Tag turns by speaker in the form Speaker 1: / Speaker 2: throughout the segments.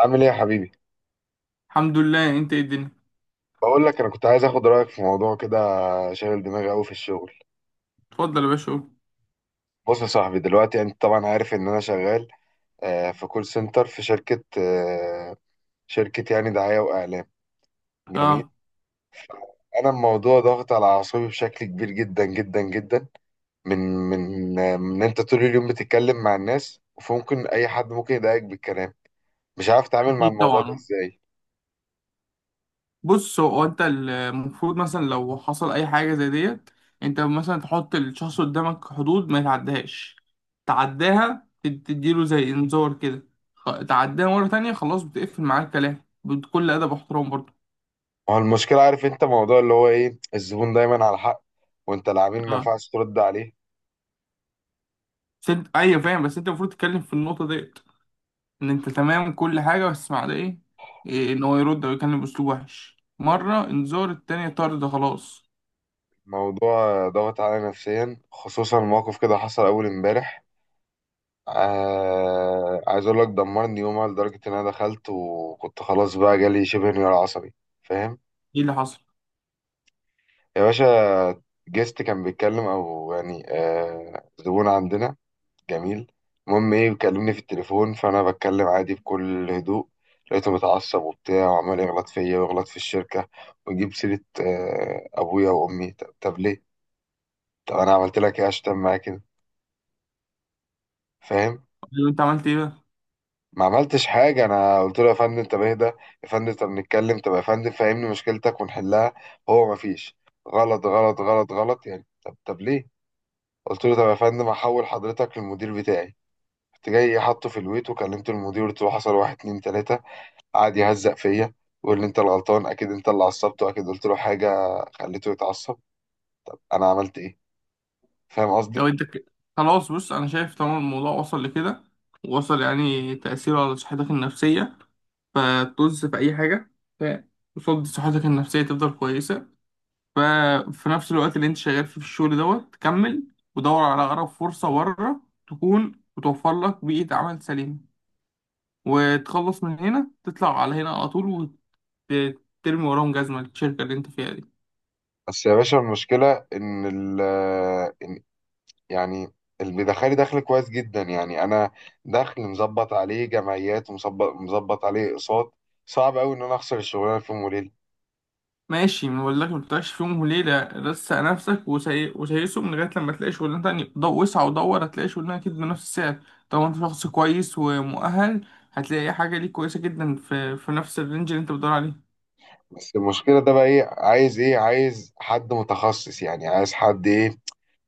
Speaker 1: عامل ايه يا حبيبي؟
Speaker 2: الحمد لله، انت ايه الدنيا؟
Speaker 1: بقول لك انا كنت عايز اخد رايك في موضوع كده. شاغل دماغي قوي في الشغل.
Speaker 2: اتفضل يا باشا، قول.
Speaker 1: بص يا صاحبي، دلوقتي انت طبعا عارف ان انا شغال في كول سنتر، في شركه، شركه يعني دعايه واعلام. جميل.
Speaker 2: اه،
Speaker 1: انا الموضوع ضاغط على اعصابي بشكل كبير جدا جدا جدا. من انت طول اليوم بتتكلم مع الناس، فممكن اي حد ممكن يضايقك بالكلام. مش عارف اتعامل مع
Speaker 2: اكيد
Speaker 1: الموضوع ده
Speaker 2: طبعا.
Speaker 1: ازاي.
Speaker 2: بص، هو انت المفروض مثلا لو حصل اي حاجه زي ديت، انت مثلا تحط الشخص قدامك حدود ما يتعداش. تعداها تديله زي انذار كده، تعداها مره تانية، خلاص بتقفل معاه الكلام بكل ادب واحترام برضه.
Speaker 1: ما هو المشكله، عارف انت موضوع اللي هو ايه، الزبون دايما على حق، وانت العميل ما
Speaker 2: اه،
Speaker 1: ينفعش ترد عليه.
Speaker 2: بس انت ايوه فاهم، بس انت المفروض تتكلم في النقطه ديت، ان انت تمام كل حاجه، بس مع ده ايه. إيه، ان هو يرد او يتكلم باسلوب وحش مره انذار، التانية طرد خلاص.
Speaker 1: موضوع ضغط عليا نفسيا، خصوصا موقف كده حصل اول امبارح. آه عايز اقول لك دمرني يومها، لدرجه ان انا دخلت وكنت خلاص بقى جالي شبه انهيار عصبي. فاهم؟
Speaker 2: ايه اللي حصل؟
Speaker 1: يا باشا، جيست كان بيتكلم او يعني آه زبون عندنا. جميل. المهم ايه، بيكلمني في التليفون، فانا بتكلم عادي بكل هدوء. لقيته متعصب وبتاع، وعمال يغلط فيا ويغلط في الشركه، ويجيب سيره آه ابويا وامي. طب ليه؟ طب انا عملت لك ايه عشان تعمل معايا كده؟ فاهم؟
Speaker 2: لو انت عملت ايه بقى؟
Speaker 1: ما عملتش حاجة، أنا قلت له يا فندم طب اهدى، يا فندم طب نتكلم، طب يا فندم فهمني مشكلتك ونحلها. هو ما فيش، غلط غلط غلط غلط يعني. طب ليه؟ قلت له طب يا فندم هحول حضرتك للمدير بتاعي. رحت جاي حاطه في الويت وكلمت المدير، قلت له حصل واحد اتنين تلاتة. قعد يهزق فيا، ويقول لي أنت الغلطان، أكيد أنت اللي عصبته، أكيد قلت له حاجة خليته يتعصب. أنا عملت إيه؟ فاهم
Speaker 2: لو
Speaker 1: قصدي؟
Speaker 2: انت ك... خلاص، بص انا شايف طالما الموضوع وصل لكده، وصل يعني تأثيره على صحتك النفسية، فتوز في اي حاجة، فقصاد صحتك النفسية تفضل كويسة. ففي نفس الوقت اللي انت شغال فيه في الشغل دوت، كمل ودور على اقرب فرصة بره تكون وتوفر لك بيئة عمل سليمة، وتخلص من هنا تطلع على هنا على طول، وترمي وراهم جزمة الشركة اللي انت فيها دي.
Speaker 1: بس يا باشا، المشكلة إن ال يعني اللي دخل كويس جدا، يعني انا دخل مظبط عليه جمعيات، ومظبط عليه اقساط. صعب قوي ان انا اخسر الشغلانه في يوم وليله.
Speaker 2: ماشي، ولكن ما تطلعش فيهم وليلة، رسق نفسك وسيسهم لغاية لما تلاقي شغلانة تانية، ضو وسع ودور، هتلاقي شغلانة أكيد بنفس السعر. طبعا أنت شخص كويس ومؤهل، هتلاقي حاجة ليك كويسة جدا في نفس الرينج اللي أنت بتدور عليه.
Speaker 1: بس المشكله ده بقى ايه، عايز ايه؟ عايز حد متخصص، يعني عايز حد ايه،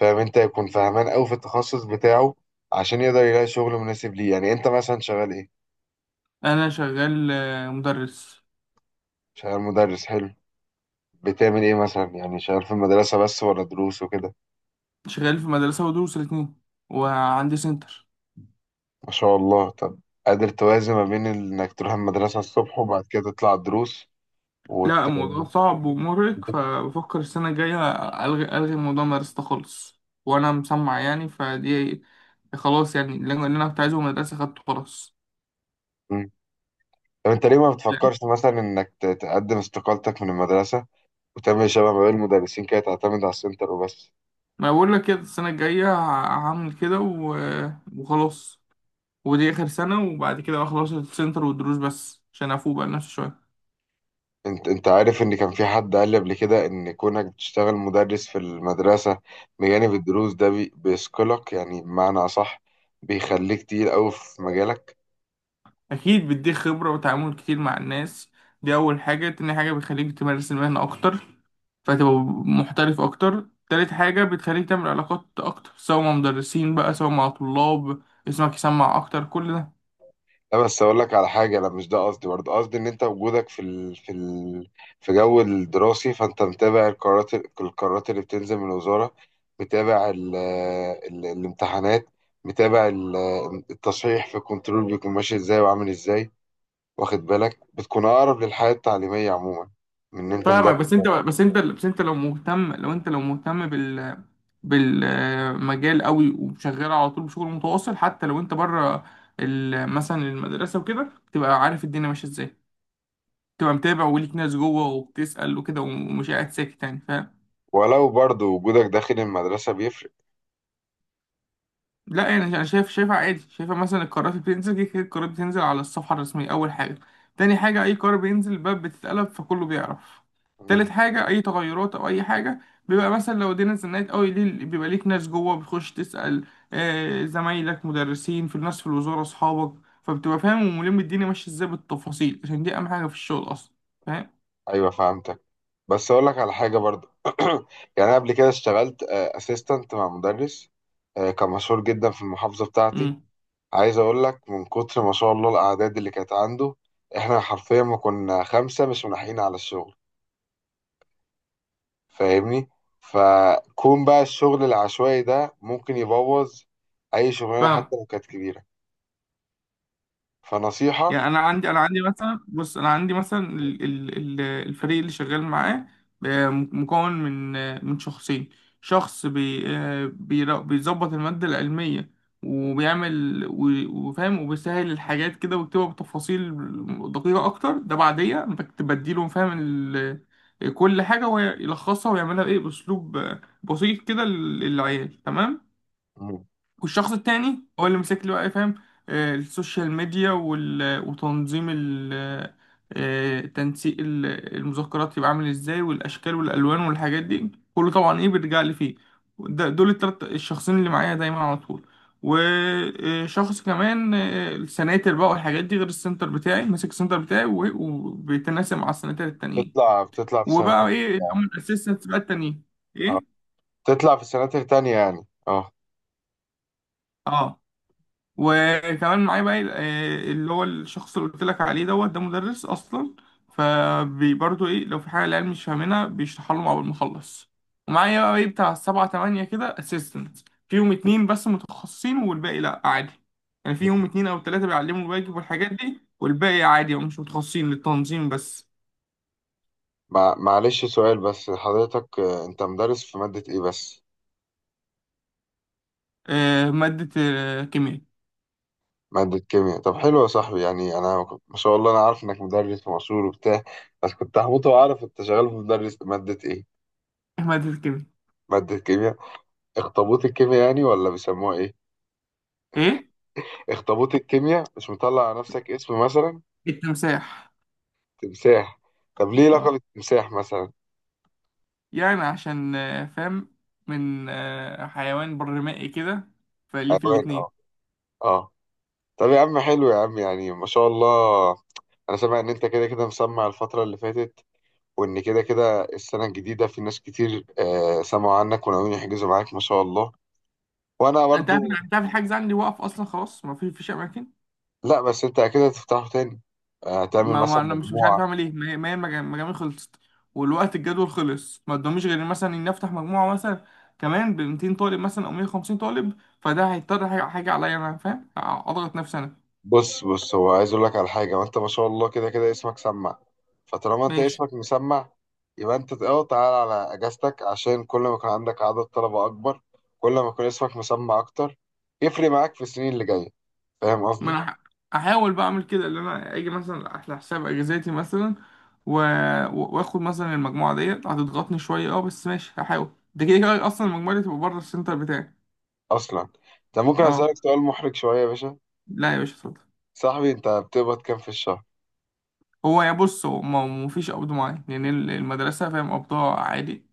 Speaker 1: فاهم انت، يكون فاهمان قوي في التخصص بتاعه، عشان يقدر يلاقي شغل مناسب ليه. يعني انت مثلا شغال ايه؟
Speaker 2: أنا شغال مدرس.
Speaker 1: شغال مدرس، حلو. بتعمل ايه مثلا؟ يعني شغال في المدرسه بس، ولا دروس وكده؟
Speaker 2: شغال في مدرسة ودروس الاتنين، وعندي سنتر.
Speaker 1: ما شاء الله. طب، قادر توازن ما بين انك تروح المدرسه الصبح وبعد كده تطلع الدروس وت...
Speaker 2: لا، الموضوع صعب ومرهق، فبفكر السنة الجاية ألغي ألغي موضوع مدرسة ده خالص، وأنا مسمع يعني فدي. خلاص، يعني اللي أنا كنت عايزه من المدرسة خدته خلاص.
Speaker 1: مم. طب انت ليه ما بتفكرش مثلا انك تقدم استقالتك من المدرسة، وتعمل شبه ما بين المدرسين كده، تعتمد على السنتر وبس؟
Speaker 2: ما بقول لك كده السنة الجاية هعمل كده وخلاص. ودي آخر سنة، وبعد كده أخلص السنتر والدروس بس عشان أفوق بقى لنفسي شوية.
Speaker 1: انت عارف ان كان في حد قال لي قبل كده، ان كونك بتشتغل مدرس في المدرسة بجانب الدروس ده بيثقلك، يعني بمعنى اصح بيخليك تقيل قوي في مجالك.
Speaker 2: أكيد بيديك خبرة وتعامل كتير مع الناس، دي أول حاجة. تاني حاجة بتخليك تمارس المهنة أكتر، فتبقى محترف أكتر. تالت حاجة بتخليك تعمل علاقات أكتر، سواء مع مدرسين بقى سواء مع طلاب، اسمك يسمع أكتر كل ده.
Speaker 1: لا بس اقول لك على حاجه، لا مش ده قصدي، برضه قصدي ان انت وجودك في جو الدراسي، فانت متابع القرارات، القرارات اللي بتنزل من الوزاره، متابع الامتحانات، متابع التصحيح في الكنترول بيكون ماشي ازاي وعامل ازاي. واخد بالك، بتكون اقرب للحياه التعليميه عموما من ان انت مدرس.
Speaker 2: فاهمك، بس انت لو انت مهتم بالمجال قوي، وشغال على طول بشغل متواصل، حتى لو انت بره مثلا المدرسه وكده، تبقى عارف الدنيا ماشيه ازاي، تبقى متابع وليك ناس جوه وبتسأل وكده، ومش قاعد ساكت يعني.
Speaker 1: ولو برضه وجودك داخل المدرسه بيفرق.
Speaker 2: لا يعني انا شايف، شايفها عادي، شايفها مثلا القرارات اللي بتنزل كده كده، القرارات بتنزل على الصفحه الرسميه اول حاجه. تاني حاجه، اي قرار بينزل الباب بتتقلب، فكله بيعرف. تالت حاجه، اي تغيرات او اي حاجه، بيبقى مثلا لو الدنيا اتزنقت قوي ليه، بيبقى ليك ناس جوه بتخش تسال، زمايلك مدرسين في الناس في الوزاره اصحابك، فبتبقى فاهم وملم الدنيا ماشيه ازاي بالتفاصيل، عشان دي اهم حاجه في الشغل اصلا. فاهم.
Speaker 1: ايوه فهمتك. بس اقول لك على حاجه برضو. يعني انا قبل كده اشتغلت اسيستنت مع مدرس كان مشهور جدا في المحافظه بتاعتي.
Speaker 2: امم.
Speaker 1: عايز اقول لك، من كتر ما شاء الله الاعداد اللي كانت عنده، احنا حرفيا ما كنا خمسه مش ملاحقين على الشغل. فاهمني؟ فكون بقى الشغل العشوائي ده ممكن يبوظ اي شغلانه حتى
Speaker 2: فاهم.
Speaker 1: لو كانت كبيره. فنصيحه.
Speaker 2: يعني انا عندي مثلا، بص انا عندي مثلا الفريق اللي شغال معاه، مكون من شخصين. شخص بيظبط المادة العلمية، وبيعمل و- وفاهم وبيسهل الحاجات كده، ويكتبها بتفاصيل دقيقة أكتر. ده بعدية أنا بديله فاهم كل حاجة، ويلخصها ويعملها بإيه بأسلوب بسيط كده للعيال، تمام.
Speaker 1: مم.
Speaker 2: والشخص التاني هو اللي مسك لي بقى، فاهم السوشيال ميديا وتنظيم ال... آه، تنسيق المذكرات، يبقى عامل ازاي، والاشكال والالوان والحاجات دي كله طبعا ايه بيرجع لي فيه. دول التلات الشخصين اللي معايا دايما على طول. وشخص كمان السناتر بقى والحاجات دي، غير السنتر بتاعي، ماسك السنتر بتاعي و- وبيتناسب مع السناتر التانيين.
Speaker 1: بتطلع في سنه
Speaker 2: وبقى
Speaker 1: تانية.
Speaker 2: ايه اللي هم الاسيستنتس بقى التانيين،
Speaker 1: اه،
Speaker 2: ايه،
Speaker 1: بتطلع في سنه تانية يعني، اه.
Speaker 2: اه. وكمان معايا بقى اللي هو الشخص اللي قلت لك عليه دوت، ده مدرس اصلا، فبرضه ايه لو في حاجه العيال مش فاهمينها بيشرحها لهم اول ما اخلص. ومعايا بقى ايه بتاع سبعة تمانية كده اسيستنت، فيهم اتنين بس متخصصين والباقي لا عادي، يعني فيهم اتنين او تلاته بيعلموا الواجب والحاجات دي، والباقي عادي، هم مش متخصصين، للتنظيم بس.
Speaker 1: معلش سؤال بس حضرتك، انت مدرس في مادة ايه بس؟
Speaker 2: ماده كيمياء
Speaker 1: مادة كيمياء. طب حلو يا صاحبي، يعني انا ما شاء الله انا عارف انك مدرس ومشهور وبتاع، بس كنت هموت واعرف انت شغال في مدرس مادة ايه.
Speaker 2: إيه ماده الكيمياء.
Speaker 1: مادة كيمياء، اخطبوط الكيمياء يعني ولا بيسموها ايه؟
Speaker 2: ايه،
Speaker 1: اخطبوط الكيمياء، مش مطلع على نفسك اسم مثلا؟
Speaker 2: التمساح.
Speaker 1: تمساح. طب ليه لقب
Speaker 2: آه.
Speaker 1: التمساح مثلا؟
Speaker 2: يعني عشان فاهم، من حيوان برمائي كده، فليه في
Speaker 1: حيوان،
Speaker 2: الاتنين.
Speaker 1: اه. اه. طب يا عم حلو يا عم، يعني ما شاء الله. انا سامع ان انت كده كده مسمع الفترة اللي فاتت، وان كده كده السنه الجديده في ناس كتير آه سمعوا عنك وناويين يحجزوا معاك، ما شاء الله. وانا
Speaker 2: انت عارف
Speaker 1: برضو،
Speaker 2: انت عارف الحجز عندي واقف اصلا، خلاص ما في فيش اماكن.
Speaker 1: لا بس انت اكيد هتفتحه تاني، آه تعمل
Speaker 2: ما
Speaker 1: مثلا
Speaker 2: انا مش عارف
Speaker 1: مجموعه.
Speaker 2: اعمل ايه، ما هي المجاميع خلصت، والوقت الجدول خلص، ما قداميش غير مثلا ان افتح مجموعه مثلا كمان ب 200 طالب مثلا او 150 طالب، فده هيضطر حاجة عليا انا فاهم، اضغط نفسي انا.
Speaker 1: بص بص، هو عايز اقول لك على حاجه، وانت ما شاء الله كده كده اسمك سمع. فطالما انت
Speaker 2: ماشي.
Speaker 1: اسمك مسمع، يبقى انت اه تعال على اجازتك، عشان كل ما يكون عندك عدد طلبه اكبر، كل ما يكون اسمك مسمع اكتر، يفرق معاك في السنين اللي جايه. فاهم
Speaker 2: ما
Speaker 1: قصدي؟
Speaker 2: انا احاول بقى اعمل كده، اللي انا اجي مثلا على حساب اجازاتي مثلا، و... واخد مثلا المجموعه ديت هتضغطني شويه، اه بس ماشي هحاول، ده كده كده اصلا المجموعه دي تبقى بره السنتر بتاعي.
Speaker 1: اصلا انت ممكن اسالك
Speaker 2: اه.
Speaker 1: سؤال محرج شويه يا باشا؟
Speaker 2: لا يا باشا، اتفضل.
Speaker 1: صاحبي انت بتقبض كام في الشهر؟
Speaker 2: هو، يا بص، هو ما فيش قبض معين، يعني المدرسه فاهم قبضها عادي،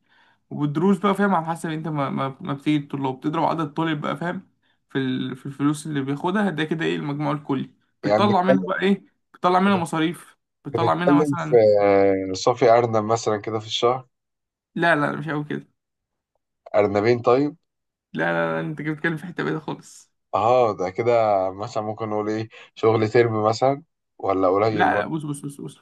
Speaker 2: والدروس بقى فاهم، على حسب انت ما بتيجي الطلاب بتضرب عدد الطالب بقى، فاهم في الفلوس اللي بياخدها، ده كده ايه المجموع الكلي،
Speaker 1: يعني
Speaker 2: بتطلع منها بقى ايه، بتطلع منها مصاريف، بتطلع منها
Speaker 1: بنتكلم في
Speaker 2: مثلا.
Speaker 1: صافي أرنب مثلا كده في الشهر؟
Speaker 2: لا، لا، مش قوي كده.
Speaker 1: أرنبين طيب؟
Speaker 2: لا، لا، لا، انت كده بتتكلم في حته بعيده خالص.
Speaker 1: اه ده كده، مثلا ممكن نقول ايه، شغل ترم مثلا، ولا قليل
Speaker 2: لا، لا،
Speaker 1: برضه؟
Speaker 2: بص بص بص بص،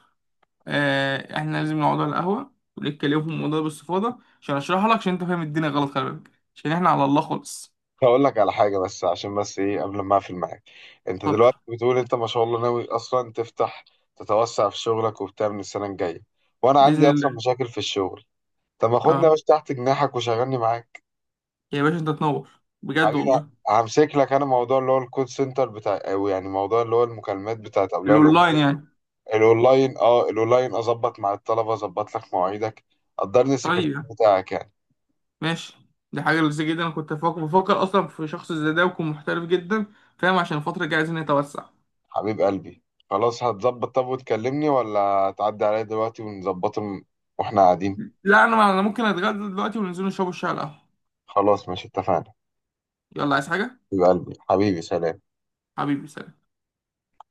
Speaker 2: احنا لازم نقعد على القهوه ونتكلم في الموضوع ده باستفاضه، عشان اشرحها لك، عشان انت فاهم الدنيا غلط، خلي بالك، عشان احنا على الله خالص.
Speaker 1: هقول لك على حاجة بس، عشان بس ايه قبل ما اقفل معاك. انت
Speaker 2: اتفضل.
Speaker 1: دلوقتي بتقول انت ما شاء الله ناوي اصلا تفتح، تتوسع في شغلك وبتاع من السنة الجاية، وانا
Speaker 2: باذن
Speaker 1: عندي اصلا
Speaker 2: الله.
Speaker 1: مشاكل في الشغل. طب ما خدني يا
Speaker 2: اه
Speaker 1: باشا تحت جناحك وشغلني معاك.
Speaker 2: يا باشا، انت تنور بجد
Speaker 1: حبيبي،
Speaker 2: والله.
Speaker 1: همسك لك انا موضوع اللي هو الكول سنتر بتاع، او يعني موضوع اللي هو المكالمات بتاعت اولياء الامور.
Speaker 2: الاونلاين يعني؟
Speaker 1: الاونلاين، اه الاونلاين، اظبط مع الطلبه، اظبط لك مواعيدك، قدرني السكرتير
Speaker 2: طيب،
Speaker 1: بتاعك يعني.
Speaker 2: ماشي، دي حاجه لذيذه جدا، انا كنت بفكر اصلا في شخص زي ده ويكون محترف جدا، فاهم عشان الفتره الجايه عايزين نتوسع.
Speaker 1: حبيب قلبي، خلاص هتظبط؟ طب وتكلمني ولا تعدي عليا دلوقتي ونظبطه واحنا قاعدين؟
Speaker 2: لا انا ممكن اتغدى دلوقتي وننزل نشربوا الشاي على القهوه.
Speaker 1: خلاص ماشي، اتفقنا.
Speaker 2: يلا، عايز حاجه؟
Speaker 1: حبيب قلبي، حبيبي سلام.
Speaker 2: حبيبي، سلام.